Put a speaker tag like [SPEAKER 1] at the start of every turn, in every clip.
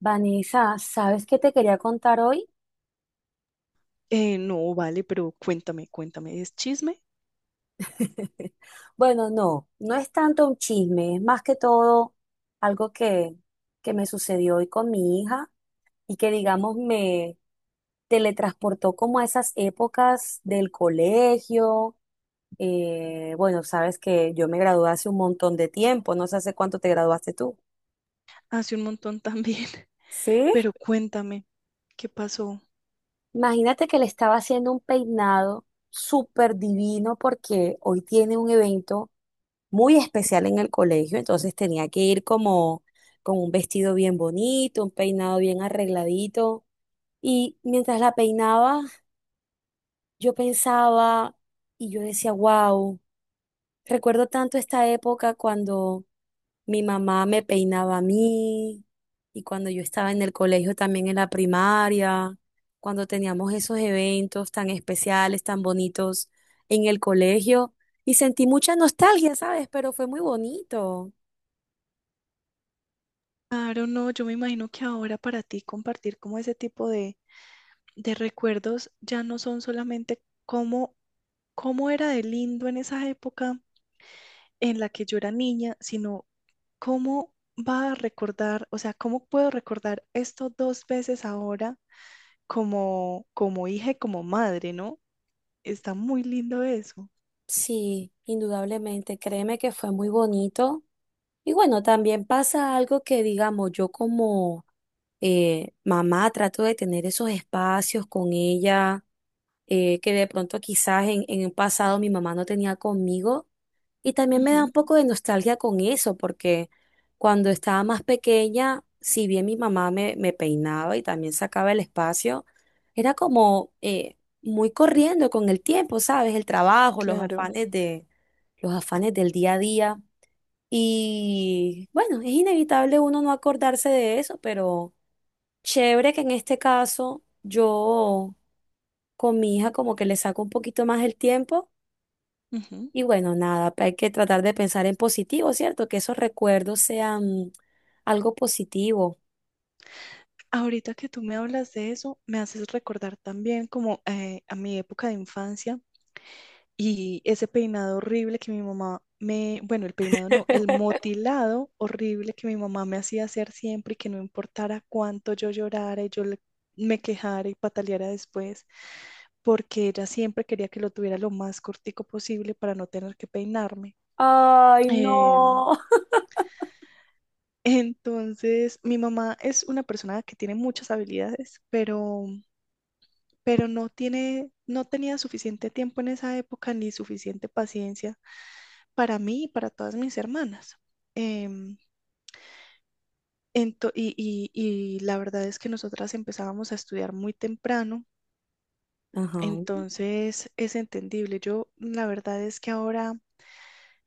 [SPEAKER 1] Vanessa, ¿sabes qué te quería contar hoy?
[SPEAKER 2] No, vale, pero cuéntame, cuéntame. Es chisme
[SPEAKER 1] Bueno, no, no es tanto un chisme, es más que todo algo que me sucedió hoy con mi hija y que, digamos, me teletransportó como a esas épocas del colegio. Bueno, sabes que yo me gradué hace un montón de tiempo, no sé hace cuánto te graduaste tú.
[SPEAKER 2] hace un montón también,
[SPEAKER 1] ¿Sí?
[SPEAKER 2] pero cuéntame, ¿qué pasó?
[SPEAKER 1] Imagínate que le estaba haciendo un peinado súper divino porque hoy tiene un evento muy especial en el colegio, entonces tenía que ir como con un vestido bien bonito, un peinado bien arregladito. Y mientras la peinaba, yo pensaba y yo decía, wow, recuerdo tanto esta época cuando mi mamá me peinaba a mí y cuando yo estaba en el colegio también en la primaria, cuando teníamos esos eventos tan especiales, tan bonitos en el colegio. Y sentí mucha nostalgia, ¿sabes? Pero fue muy bonito.
[SPEAKER 2] Claro, no, yo me imagino que ahora para ti compartir como ese tipo de recuerdos ya no son solamente cómo, cómo era de lindo en esa época en la que yo era niña, sino cómo va a recordar, o sea, cómo puedo recordar esto dos veces ahora como, como hija y como madre, ¿no? Está muy lindo eso.
[SPEAKER 1] Sí, indudablemente. Créeme que fue muy bonito. Y bueno, también pasa algo que, digamos, yo como mamá trato de tener esos espacios con ella, que de pronto quizás en el pasado mi mamá no tenía conmigo. Y también me da un poco de nostalgia con eso, porque cuando estaba más pequeña, si bien mi mamá me peinaba y también sacaba el espacio, era como muy corriendo con el tiempo, ¿sabes? El trabajo,
[SPEAKER 2] Claro.
[SPEAKER 1] los afanes del día a día. Y bueno, es inevitable uno no acordarse de eso, pero chévere que en este caso yo con mi hija como que le saco un poquito más el tiempo.
[SPEAKER 2] Ujú.
[SPEAKER 1] Y bueno, nada, hay que tratar de pensar en positivo, ¿cierto? Que esos recuerdos sean algo positivo.
[SPEAKER 2] Ahorita que tú me hablas de eso, me haces recordar también como a mi época de infancia y ese peinado horrible que mi mamá me, bueno, el peinado no, el motilado horrible que mi mamá me hacía hacer siempre y que no importara cuánto yo llorara y me quejara y pataleara después, porque ella siempre quería que lo tuviera lo más cortico posible para no tener que peinarme.
[SPEAKER 1] Ay,
[SPEAKER 2] eh,
[SPEAKER 1] no.
[SPEAKER 2] Entonces, mi mamá es una persona que tiene muchas habilidades, pero no tiene, no tenía suficiente tiempo en esa época ni suficiente paciencia para mí y para todas mis hermanas. Em, y la verdad es que nosotras empezábamos a estudiar muy temprano,
[SPEAKER 1] Ajá.
[SPEAKER 2] entonces es entendible. Yo, la verdad es que ahora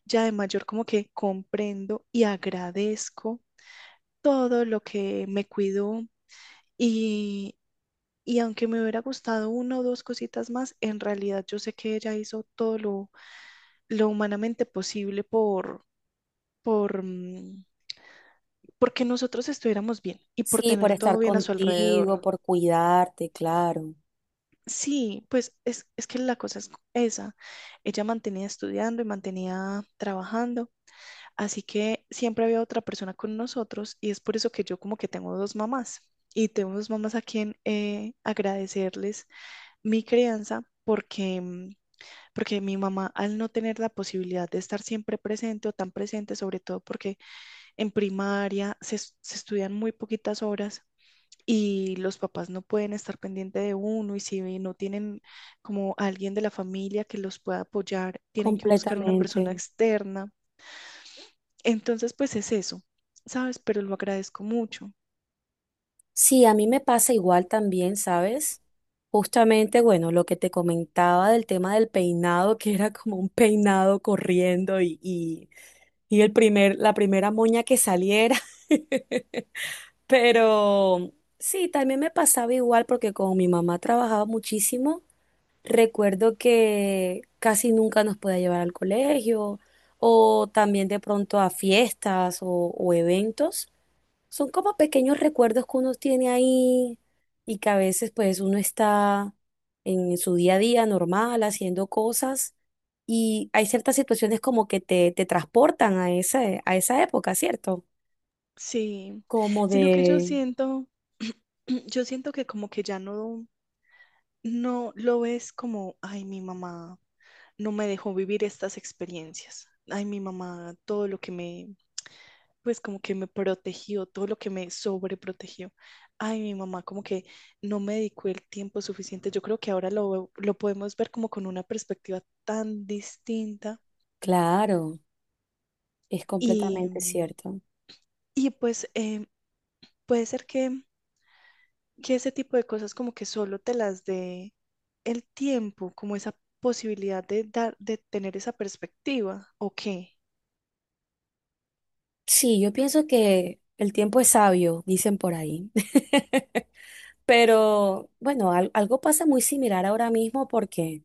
[SPEAKER 2] ya de mayor como que comprendo y agradezco todo lo que me cuidó y Y aunque me hubiera gustado una o dos cositas más, en realidad yo sé que ella hizo todo lo humanamente posible por, porque nosotros estuviéramos bien y por
[SPEAKER 1] Sí, por
[SPEAKER 2] tener
[SPEAKER 1] estar
[SPEAKER 2] todo bien a su alrededor.
[SPEAKER 1] contigo, por cuidarte, claro.
[SPEAKER 2] Sí, pues es que la cosa es esa. Ella mantenía estudiando y mantenía trabajando, así que siempre había otra persona con nosotros y es por eso que yo como que tengo dos mamás y tengo dos mamás a quien agradecerles mi crianza porque, porque mi mamá, al no tener la posibilidad de estar siempre presente o tan presente, sobre todo porque en primaria se, se estudian muy poquitas horas y los papás no pueden estar pendiente de uno y si no tienen como alguien de la familia que los pueda apoyar, tienen que buscar una
[SPEAKER 1] Completamente.
[SPEAKER 2] persona externa. Entonces, pues es eso, ¿sabes? Pero lo agradezco mucho.
[SPEAKER 1] Sí, a mí me pasa igual también, ¿sabes? Justamente, bueno, lo que te comentaba del tema del peinado, que era como un peinado corriendo y la primera moña que saliera. Pero sí, también me pasaba igual porque como mi mamá trabajaba muchísimo, recuerdo que casi nunca nos podía llevar al colegio o también de pronto a fiestas o eventos. Son como pequeños recuerdos que uno tiene ahí y que a veces pues uno está en su día a día normal haciendo cosas y hay ciertas situaciones como que te transportan a a esa época, ¿cierto?
[SPEAKER 2] Sí,
[SPEAKER 1] Como
[SPEAKER 2] sino que yo
[SPEAKER 1] de...
[SPEAKER 2] siento, yo siento que como que ya no, no lo ves como, ay, mi mamá no me dejó vivir estas experiencias. Ay, mi mamá, todo lo que me, pues como que me protegió, todo lo que me sobreprotegió. Ay, mi mamá, como que no me dedicó el tiempo suficiente. Yo creo que ahora lo podemos ver como con una perspectiva tan distinta,
[SPEAKER 1] Claro, es
[SPEAKER 2] y,
[SPEAKER 1] completamente cierto.
[SPEAKER 2] y pues puede ser que ese tipo de cosas como que solo te las dé el tiempo, como esa posibilidad de dar, de tener esa perspectiva, ¿o qué?
[SPEAKER 1] Sí, yo pienso que el tiempo es sabio, dicen por ahí. Pero bueno, algo pasa muy similar ahora mismo porque...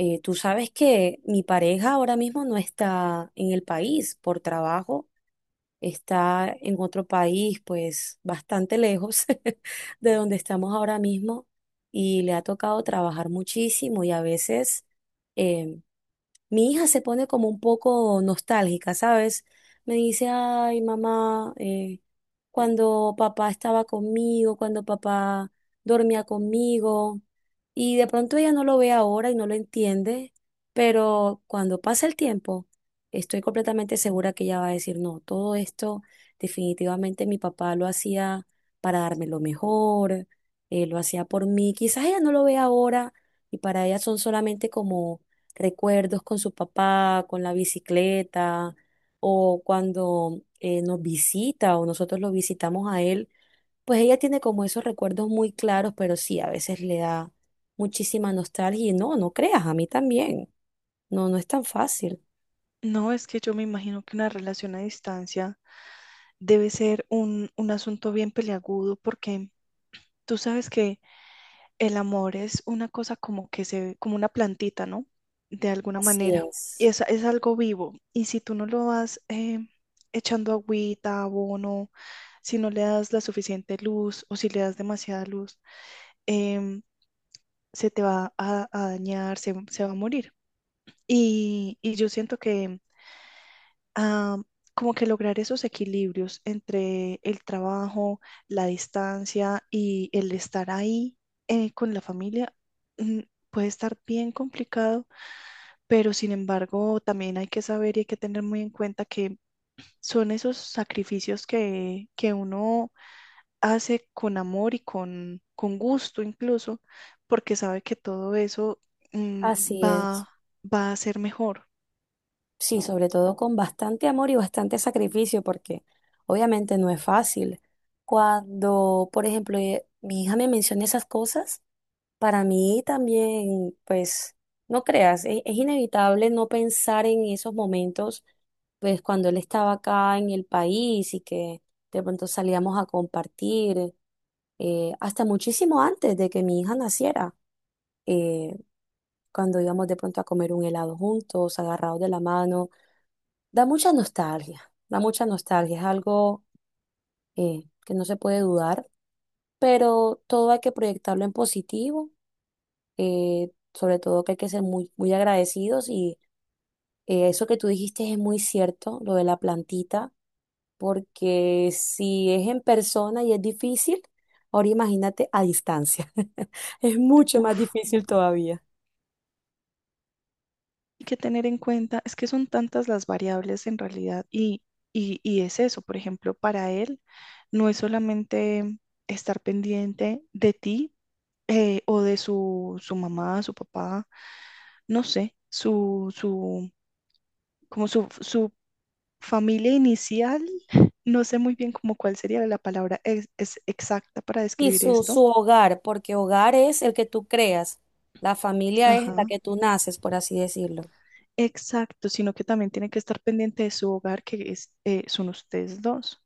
[SPEAKER 1] Tú sabes que mi pareja ahora mismo no está en el país por trabajo, está en otro país, pues bastante lejos de donde estamos ahora mismo y le ha tocado trabajar muchísimo y a veces, em, mi hija se pone como un poco nostálgica, ¿sabes? Me dice, ay, mamá, cuando papá estaba conmigo, cuando papá dormía conmigo, y de pronto ella no lo ve ahora y no lo entiende, pero cuando pasa el tiempo, estoy completamente segura que ella va a decir, no, todo esto definitivamente mi papá lo hacía para darme lo mejor, lo hacía por mí, quizás ella no lo ve ahora y para ella son solamente como recuerdos con su papá, con la bicicleta, o cuando nos visita o nosotros lo visitamos a él, pues ella tiene como esos recuerdos muy claros, pero sí, a veces le da muchísima nostalgia y no, no creas, a mí también. No, no es tan fácil.
[SPEAKER 2] No, es que yo me imagino que una relación a distancia debe ser un asunto bien peliagudo porque tú sabes que el amor es una cosa como que se como una plantita, ¿no? De alguna
[SPEAKER 1] Así
[SPEAKER 2] manera. Y
[SPEAKER 1] es,
[SPEAKER 2] es algo vivo. Y si tú no lo vas, echando agüita, abono, si no le das la suficiente luz o si le das demasiada luz, em, se te va a dañar, se va a morir. Y yo siento que, ah, como que lograr esos equilibrios entre el trabajo, la distancia y el estar ahí con la familia, mm, puede estar bien complicado, pero sin embargo también hay que saber y hay que tener muy en cuenta que son esos sacrificios que uno hace con amor y con gusto incluso, porque sabe que todo eso,
[SPEAKER 1] así es.
[SPEAKER 2] va, va a ser mejor.
[SPEAKER 1] Sí, sobre todo con bastante amor y bastante sacrificio, porque obviamente no es fácil. Cuando, por ejemplo, mi hija me menciona esas cosas, para mí también, pues, no creas, es, inevitable no pensar en esos momentos, pues, cuando él estaba acá en el país y que de pronto salíamos a compartir, hasta muchísimo antes de que mi hija naciera, eh, cuando íbamos de pronto a comer un helado juntos, agarrados de la mano. Da mucha nostalgia, es algo que no se puede dudar, pero todo hay que proyectarlo en positivo, sobre todo que hay que ser muy, muy agradecidos y eso que tú dijiste es muy cierto, lo de la plantita, porque si es en persona y es difícil, ahora imagínate a distancia, es mucho más
[SPEAKER 2] Uf,
[SPEAKER 1] difícil todavía.
[SPEAKER 2] y que tener en cuenta es que son tantas las variables en realidad y es eso, por ejemplo, para él no es solamente estar pendiente de ti, o de su, su mamá, su papá, no sé, su, como su familia inicial, no sé muy bien como cuál sería la palabra es exacta para
[SPEAKER 1] Y
[SPEAKER 2] describir esto.
[SPEAKER 1] su hogar, porque hogar es el que tú creas, la familia es la
[SPEAKER 2] Ajá.
[SPEAKER 1] que tú naces, por así decirlo.
[SPEAKER 2] Exacto, sino que también tiene que estar pendiente de su hogar, que es, son ustedes dos.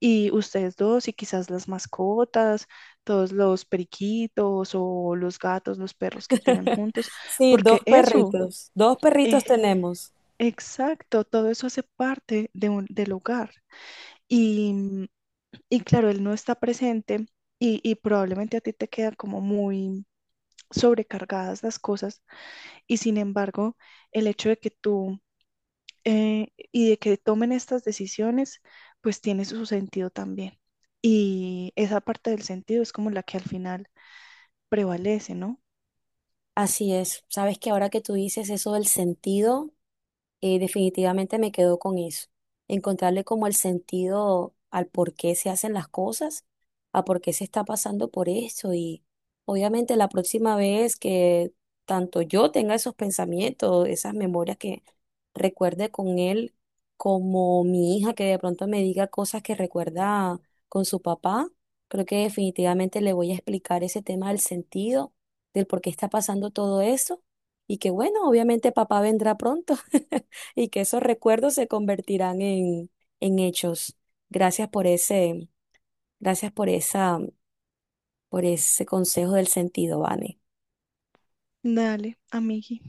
[SPEAKER 2] Y ustedes dos y quizás las mascotas, todos los periquitos o los gatos, los perros que tengan juntos,
[SPEAKER 1] Sí,
[SPEAKER 2] porque
[SPEAKER 1] dos
[SPEAKER 2] eso,
[SPEAKER 1] perritos. Dos perritos
[SPEAKER 2] eh,
[SPEAKER 1] tenemos.
[SPEAKER 2] exacto, todo eso hace parte de del hogar. Y, y claro, él no está presente y probablemente a ti te queda como muy sobrecargadas las cosas. Y sin embargo, el hecho de que tú, y de que tomen estas decisiones, pues tiene su sentido también. Y esa parte del sentido es como la que al final prevalece, ¿no?
[SPEAKER 1] Así es. Sabes que ahora que tú dices eso del sentido. Definitivamente me quedo con eso, encontrarle como el sentido al por qué se hacen las cosas, a por qué se está pasando por eso y obviamente la próxima vez que tanto yo tenga esos pensamientos, esas memorias que recuerde con él, como mi hija que de pronto me diga cosas que recuerda con su papá, creo que definitivamente le voy a explicar ese tema del sentido, del por qué está pasando todo eso y que bueno, obviamente papá vendrá pronto. Y que esos recuerdos se convertirán en hechos. Gracias por ese, gracias por esa, por ese consejo del sentido, Vane.
[SPEAKER 2] Dale, amigui,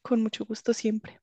[SPEAKER 2] con mucho gusto siempre.